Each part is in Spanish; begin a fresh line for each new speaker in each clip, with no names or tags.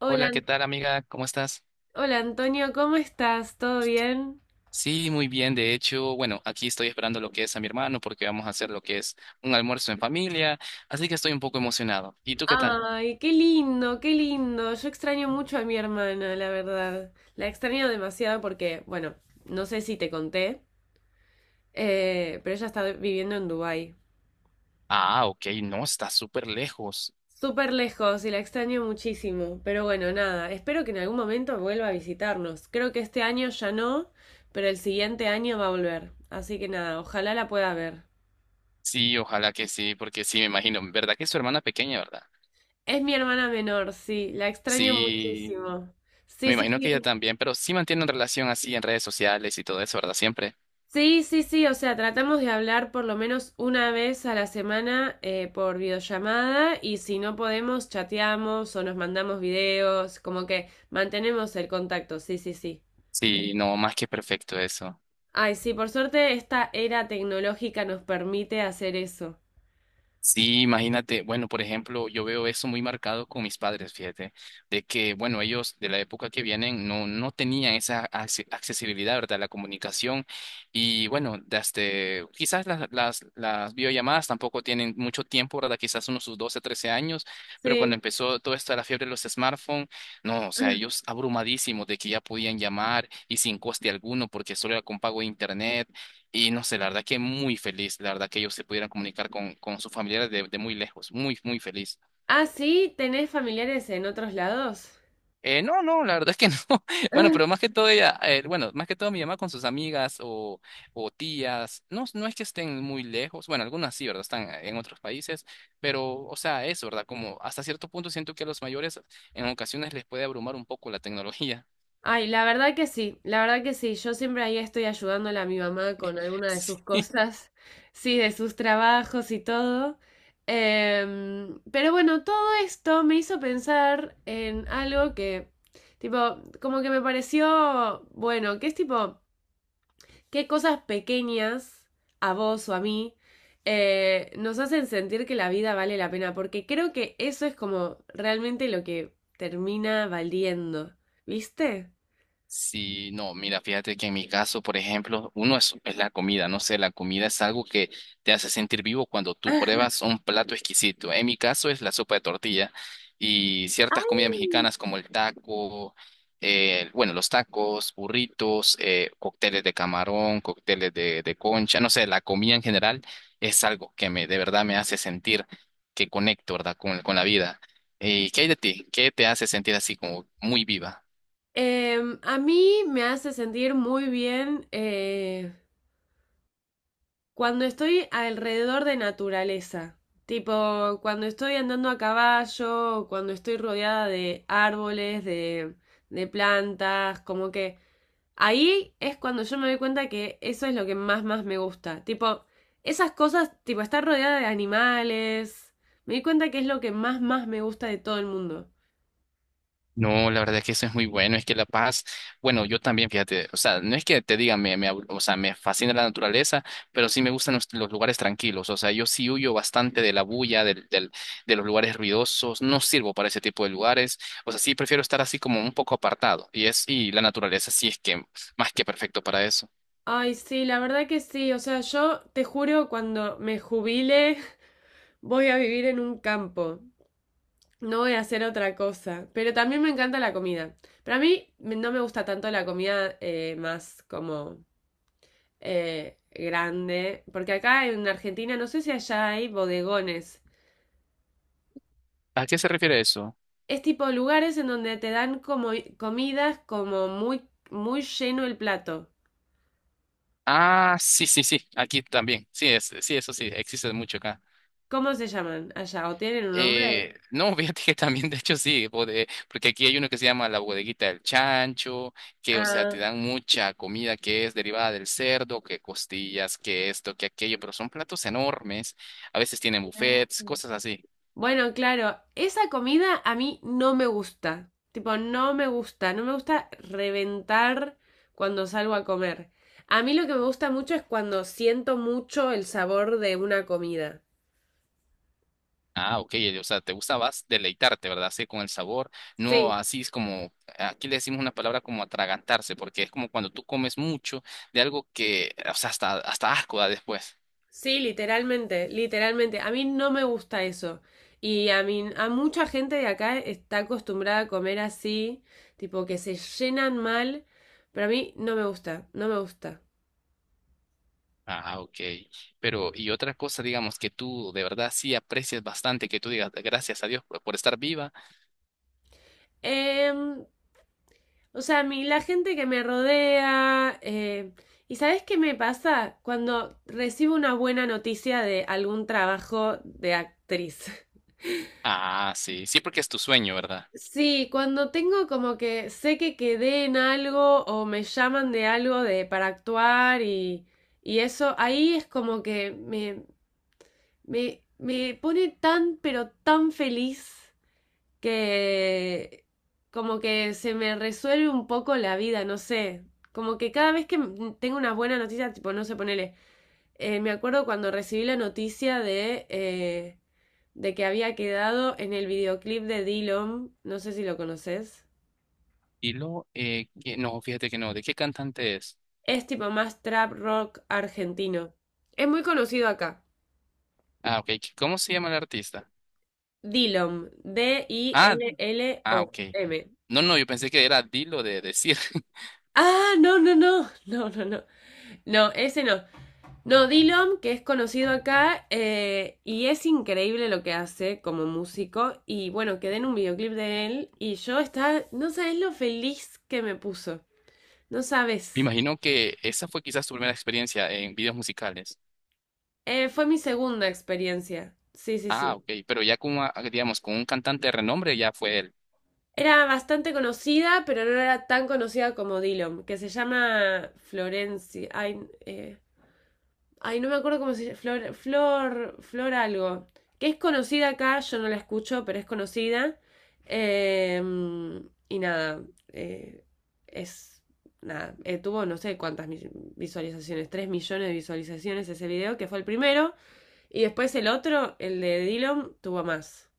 Hola,
Hola, ¿qué
An-
tal, amiga? ¿Cómo estás?
hola Antonio, ¿cómo estás? ¿Todo bien?
Sí, muy bien. De hecho, bueno, aquí estoy esperando lo que es a mi hermano porque vamos a hacer lo que es un almuerzo en familia, así que estoy un poco emocionado. ¿Y tú qué tal?
Ay, qué lindo, qué lindo. Yo extraño mucho a mi hermana, la verdad. La extraño demasiado porque, bueno, no sé si te conté, pero ella está viviendo en Dubái.
Ah, ok, no, está súper lejos.
Súper lejos y la extraño muchísimo. Pero bueno, nada, espero que en algún momento vuelva a visitarnos. Creo que este año ya no, pero el siguiente año va a volver. Así que nada, ojalá la pueda ver.
Sí, ojalá que sí, porque sí, me imagino. ¿Verdad que es su hermana pequeña, verdad?
Es mi hermana menor, sí, la extraño
Sí,
muchísimo. Sí,
me
sí,
imagino que ella
sí.
también, pero sí mantienen relación así en redes sociales y todo eso, ¿verdad? Siempre.
Sí, sí, sí, o sea, tratamos de hablar por lo menos una vez a la semana por videollamada y si no podemos, chateamos o nos mandamos videos, como que mantenemos el contacto, sí, sí, sí.
Sí, no, más que perfecto eso.
Ay, sí, por suerte esta era tecnológica nos permite hacer eso.
Sí, imagínate, bueno, por ejemplo, yo veo eso muy marcado con mis padres, fíjate, de que, bueno, ellos de la época que vienen no tenían esa accesibilidad, ¿verdad? La comunicación y, bueno, desde, quizás las videollamadas tampoco tienen mucho tiempo, ¿verdad? Quizás unos sus 12, 13 años, pero cuando
Sí.
empezó todo esto de la fiebre de los smartphones, no, o sea, ellos abrumadísimos de que ya podían llamar y sin coste alguno porque solo era con pago de internet y no sé, la verdad que muy feliz, la verdad que ellos se pudieran comunicar con sus familiares de muy lejos, muy, muy feliz.
Ah, sí, ¿tenés familiares en otros lados?
No, no, la verdad es que no. Bueno, pero más que todo ella, bueno, más que todo mi mamá con sus amigas o tías, no, no es que estén muy lejos, bueno, algunas sí, ¿verdad? Están en otros países, pero, o sea, eso, ¿verdad? Como hasta cierto punto siento que a los mayores en ocasiones les puede abrumar un poco la tecnología.
Ay, la verdad que sí, la verdad que sí. Yo siempre ahí estoy ayudándole a mi mamá con alguna de sus cosas, sí, de sus trabajos y todo. Pero bueno, todo esto me hizo pensar en algo que, tipo, como que me pareció, bueno, que es tipo, qué cosas pequeñas a vos o a mí nos hacen sentir que la vida vale la pena, porque creo que eso es como realmente lo que termina valiendo, ¿viste?
Sí, no, mira, fíjate que en mi caso, por ejemplo, uno es la comida, no sé, la comida es algo que te hace sentir vivo cuando tú pruebas un plato exquisito. En mi caso es la sopa de tortilla y ciertas comidas
Ay.
mexicanas como el taco, bueno, los tacos, burritos, cócteles de camarón, cócteles de concha, no sé, la comida en general es algo que me, de verdad me hace sentir que conecto, ¿verdad? Con la vida. ¿Y qué hay de ti? ¿Qué te hace sentir así como muy viva?
A mí me hace sentir muy bien cuando estoy alrededor de naturaleza, tipo cuando estoy andando a caballo, o cuando estoy rodeada de árboles, de plantas, como que ahí es cuando yo me doy cuenta que eso es lo que más, más me gusta, tipo esas cosas, tipo estar rodeada de animales, me di cuenta que es lo que más, más me gusta de todo el mundo.
No, la verdad es que eso es muy bueno, es que La Paz, bueno, yo también, fíjate, o sea, no es que te diga, me o sea, me fascina la naturaleza, pero sí me gustan los lugares tranquilos, o sea, yo sí huyo bastante de la bulla, de los lugares ruidosos, no sirvo para ese tipo de lugares, o sea, sí prefiero estar así como un poco apartado, y es, y la naturaleza sí es que más que perfecto para eso.
Ay, sí, la verdad que sí. O sea, yo te juro, cuando me jubile, voy a vivir en un campo. No voy a hacer otra cosa. Pero también me encanta la comida. Pero a mí me- no me gusta tanto la comida más como grande. Porque acá en Argentina, no sé si allá hay bodegones.
¿A qué se refiere eso?
Es tipo lugares en donde te dan como comidas como muy, muy lleno el plato.
Ah, sí, sí, sí, aquí también, sí, es, sí, eso sí, existe mucho acá.
¿Cómo se llaman allá? ¿O tienen un nombre?
No, fíjate que también, de hecho, sí, porque aquí hay uno que se llama la bodeguita del chancho, que, o sea, te
Ah.
dan mucha comida que es derivada del cerdo, que costillas, que esto, que aquello, pero son platos enormes. A veces tienen buffets, cosas así.
Bueno, claro, esa comida a mí no me gusta. Tipo, no me gusta, no me gusta reventar cuando salgo a comer. A mí lo que me gusta mucho es cuando siento mucho el sabor de una comida.
Ah, ok, o sea, te gusta, vas deleitarte, ¿verdad? Sí, con el sabor. No,
Sí,
así es como, aquí le decimos una palabra como atragantarse, porque es como cuando tú comes mucho de algo que, o sea, hasta asco da después.
sí, literalmente, literalmente. A mí no me gusta eso. Y a mí, a mucha gente de acá está acostumbrada a comer así, tipo que se llenan mal, pero a mí no me gusta, no me gusta.
Ah, ok. Pero, y otra cosa, digamos, que tú de verdad sí aprecias bastante, que tú digas gracias a Dios por estar viva.
Em, O sea, a mí la gente que me rodea. ¿Y sabes qué me pasa? Cuando recibo una buena noticia de algún trabajo de actriz.
Ah, sí, sí, porque es tu sueño, ¿verdad?
Sí, cuando tengo como que sé que quedé en algo o me llaman de algo de para actuar y eso, ahí es como que me pone tan, pero tan feliz. Que como que se me resuelve un poco la vida, no sé. Como que cada vez que m- tengo una buena noticia, tipo, no sé, ponele. Me acuerdo cuando recibí la noticia de que había quedado en el videoclip de Dillom, no sé si lo conoces.
Y luego, no, fíjate que no, ¿de qué cantante es?
Es tipo más trap rock argentino. Es muy conocido acá.
Ah, ok, ¿cómo se llama el artista?
Dillom,
Ah, ah, ok.
D-I-L-L-O-M.
No, no, yo pensé que era Dilo de decir.
Ah, no, no, no, no, no, no. No, ese no. No, Dillom, que es conocido acá, y es increíble lo que hace como músico. Y bueno, quedé en un videoclip de él y yo estaba, no sabes lo feliz que me puso, no
Me
sabes.
imagino que esa fue quizás tu primera experiencia en videos musicales.
Fue mi segunda experiencia. Sí, sí,
Ah,
sí.
ok, pero ya como, ah, digamos, con un cantante de renombre ya fue él.
Era bastante conocida, pero no era tan conocida como Dillom, que se llama Florencia. Ay, eh, ay, no me acuerdo cómo se llama. Flor, Flor, Flor algo. Que es conocida acá, yo no la escucho, pero es conocida. Eh, y nada, eh, es. Nada, tuvo no sé cuántas visualizaciones, 3 millones de visualizaciones ese video, que fue el primero. Y después el otro, el de Dylan, tuvo más.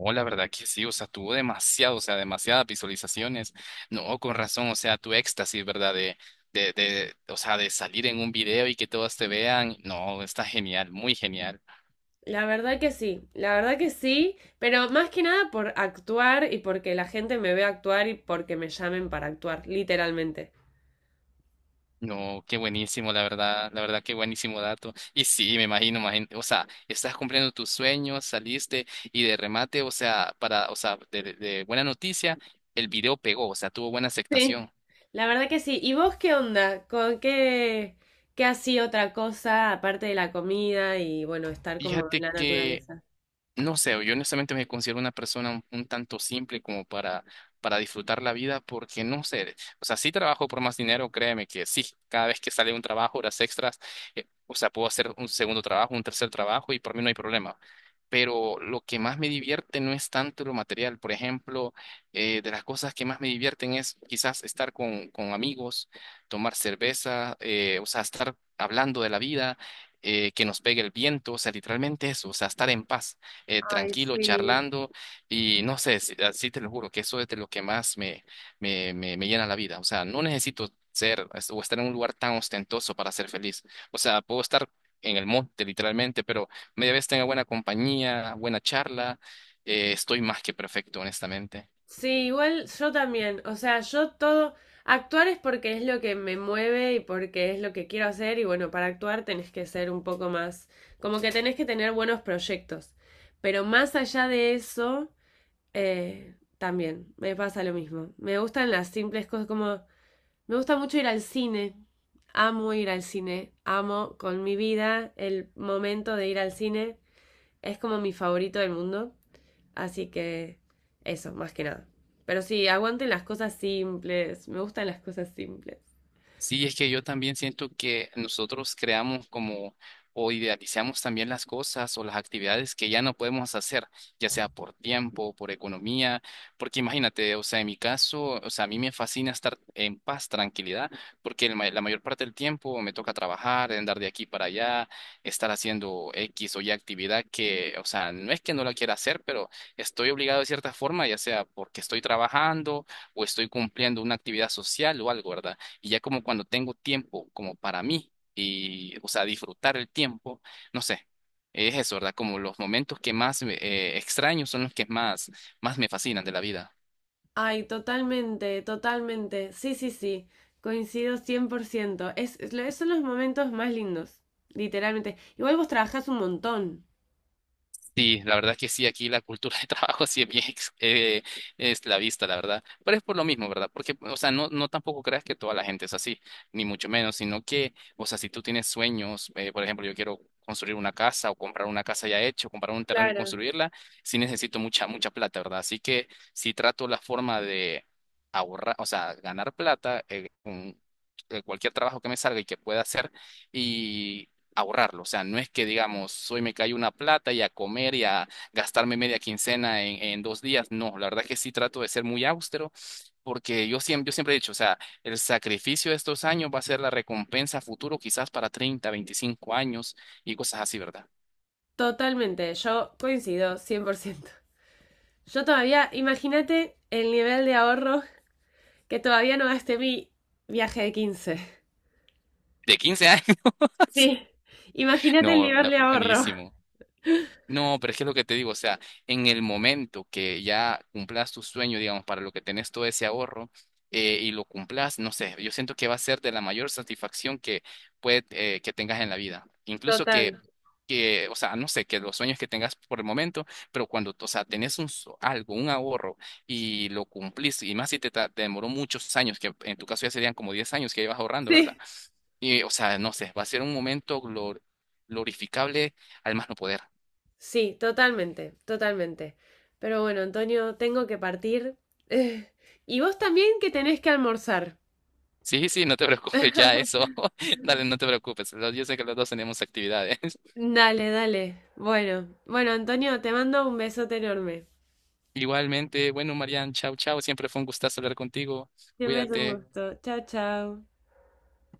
Oh, la verdad que sí, o sea, tuvo demasiado, o sea, demasiadas visualizaciones. No, con razón, o sea, tu éxtasis, ¿verdad? O sea, de salir en un video y que todos te vean. No, está genial, muy genial.
La verdad que sí, la verdad que sí, pero más que nada por actuar y porque la gente me vea actuar y porque me llamen para actuar, literalmente.
No, qué buenísimo, la verdad, qué buenísimo dato. Y sí, me imagino, imagino, o sea, estás cumpliendo tus sueños, saliste y de remate, o sea, para, o sea, de buena noticia, el video pegó, o sea, tuvo buena
Sí,
aceptación.
la verdad que sí. ¿Y vos qué onda? ¿Con qué, qué así otra cosa aparte de la comida y bueno, estar como en
Fíjate
la
que
naturaleza?
no sé, yo honestamente me considero una persona un tanto simple como para disfrutar la vida, porque no sé, o sea, sí trabajo por más dinero, créeme que sí, cada vez que sale un trabajo, horas extras, o sea, puedo hacer un segundo trabajo, un tercer trabajo y por mí no hay problema. Pero lo que más me divierte no es tanto lo material, por ejemplo, de las cosas que más me divierten es quizás estar con amigos, tomar cerveza, o sea, estar hablando de la vida, que nos pegue el viento, o sea, literalmente eso, o sea, estar en paz
Ay,
tranquilo,
sí.
charlando y no sé, así te lo juro, que eso es de lo que más me llena la vida. O sea, no necesito ser o estar en un lugar tan ostentoso para ser feliz. O sea, puedo estar en el monte literalmente, pero media vez tenga buena compañía, buena charla, estoy más que perfecto, honestamente.
Sí, igual yo también. O sea, yo todo, actuar es porque es lo que me mueve y porque es lo que quiero hacer y bueno, para actuar tenés que ser un poco más, como que tenés que tener buenos proyectos. Pero más allá de eso, también me pasa lo mismo. Me gustan las simples cosas como... Me gusta mucho ir al cine. Amo ir al cine. Amo con mi vida el momento de ir al cine. Es como mi favorito del mundo. Así que eso, más que nada. Pero sí, aguanten las cosas simples. Me gustan las cosas simples.
Sí, es que yo también siento que nosotros creamos como o idealizamos también las cosas o las actividades que ya no podemos hacer, ya sea por tiempo, por economía, porque imagínate, o sea, en mi caso, o sea, a mí me fascina estar en paz, tranquilidad, porque la mayor parte del tiempo me toca trabajar, andar de aquí para allá, estar haciendo X o Y actividad que, o sea, no es que no la quiera hacer, pero estoy obligado de cierta forma, ya sea porque estoy trabajando o estoy cumpliendo una actividad social o algo, ¿verdad? Y ya como cuando tengo tiempo como para mí y, o sea, disfrutar el tiempo, no sé, es eso, ¿verdad? Como los momentos que más extraño son los que más, más me fascinan de la vida.
Ay, totalmente, totalmente. Sí, sí, sí. Coincido 100%. Son los momentos más lindos, literalmente. Igual vos trabajás un montón.
Sí, la verdad que sí, aquí la cultura de trabajo sí es bien esclavista, la verdad. Pero es por lo mismo, ¿verdad? Porque, o sea, no tampoco creas que toda la gente es así, ni mucho menos, sino que, o sea, si tú tienes sueños, por ejemplo, yo quiero construir una casa o comprar una casa ya hecha, o comprar un terreno y
Claro.
construirla, sí necesito mucha, mucha plata, ¿verdad? Así que sí trato la forma de ahorrar, o sea, ganar plata con cualquier trabajo que me salga y que pueda hacer ahorrarlo. O sea, no es que digamos, hoy me cayó una plata y a comer y a gastarme media quincena en dos días. No, la verdad que sí trato de ser muy austero porque yo siempre he dicho, o sea, el sacrificio de estos años va a ser la recompensa a futuro quizás para 30, 25 años y cosas así, ¿verdad?
Totalmente, yo coincido 100%. Yo todavía, imagínate el nivel de ahorro que todavía no gasté mi viaje de 15.
De 15 años.
Sí, imagínate el
No,
nivel de ahorro.
buenísimo. No, pero es que es lo que te digo, o sea, en el momento que ya cumplas tu sueño, digamos, para lo que tenés todo ese ahorro y lo cumplas, no sé, yo siento que va a ser de la mayor satisfacción que puede, que tengas en la vida. Incluso
Total.
que, o sea, no sé, que los sueños que tengas por el momento, pero cuando, o sea, tenés un, algo, un ahorro y lo cumplís, y más si te demoró muchos años, que en tu caso ya serían como 10 años que llevas ahorrando, ¿verdad?
Sí,
Y, o sea, no sé, va a ser un momento glorificable al más no poder.
sí, totalmente, totalmente. Pero bueno, Antonio, tengo que partir. Eh, y vos también que tenés que almorzar.
Sí, sí, no te preocupes, ya eso. Dale, no te preocupes. Yo sé que los dos tenemos actividades.
Dale, dale. Bueno, bueno, Antonio, te mando un besote enorme.
Igualmente, bueno, Marian, chao, chao. Siempre fue un gustazo hablar contigo.
Siempre es un
Cuídate.
gusto. Chao, chao.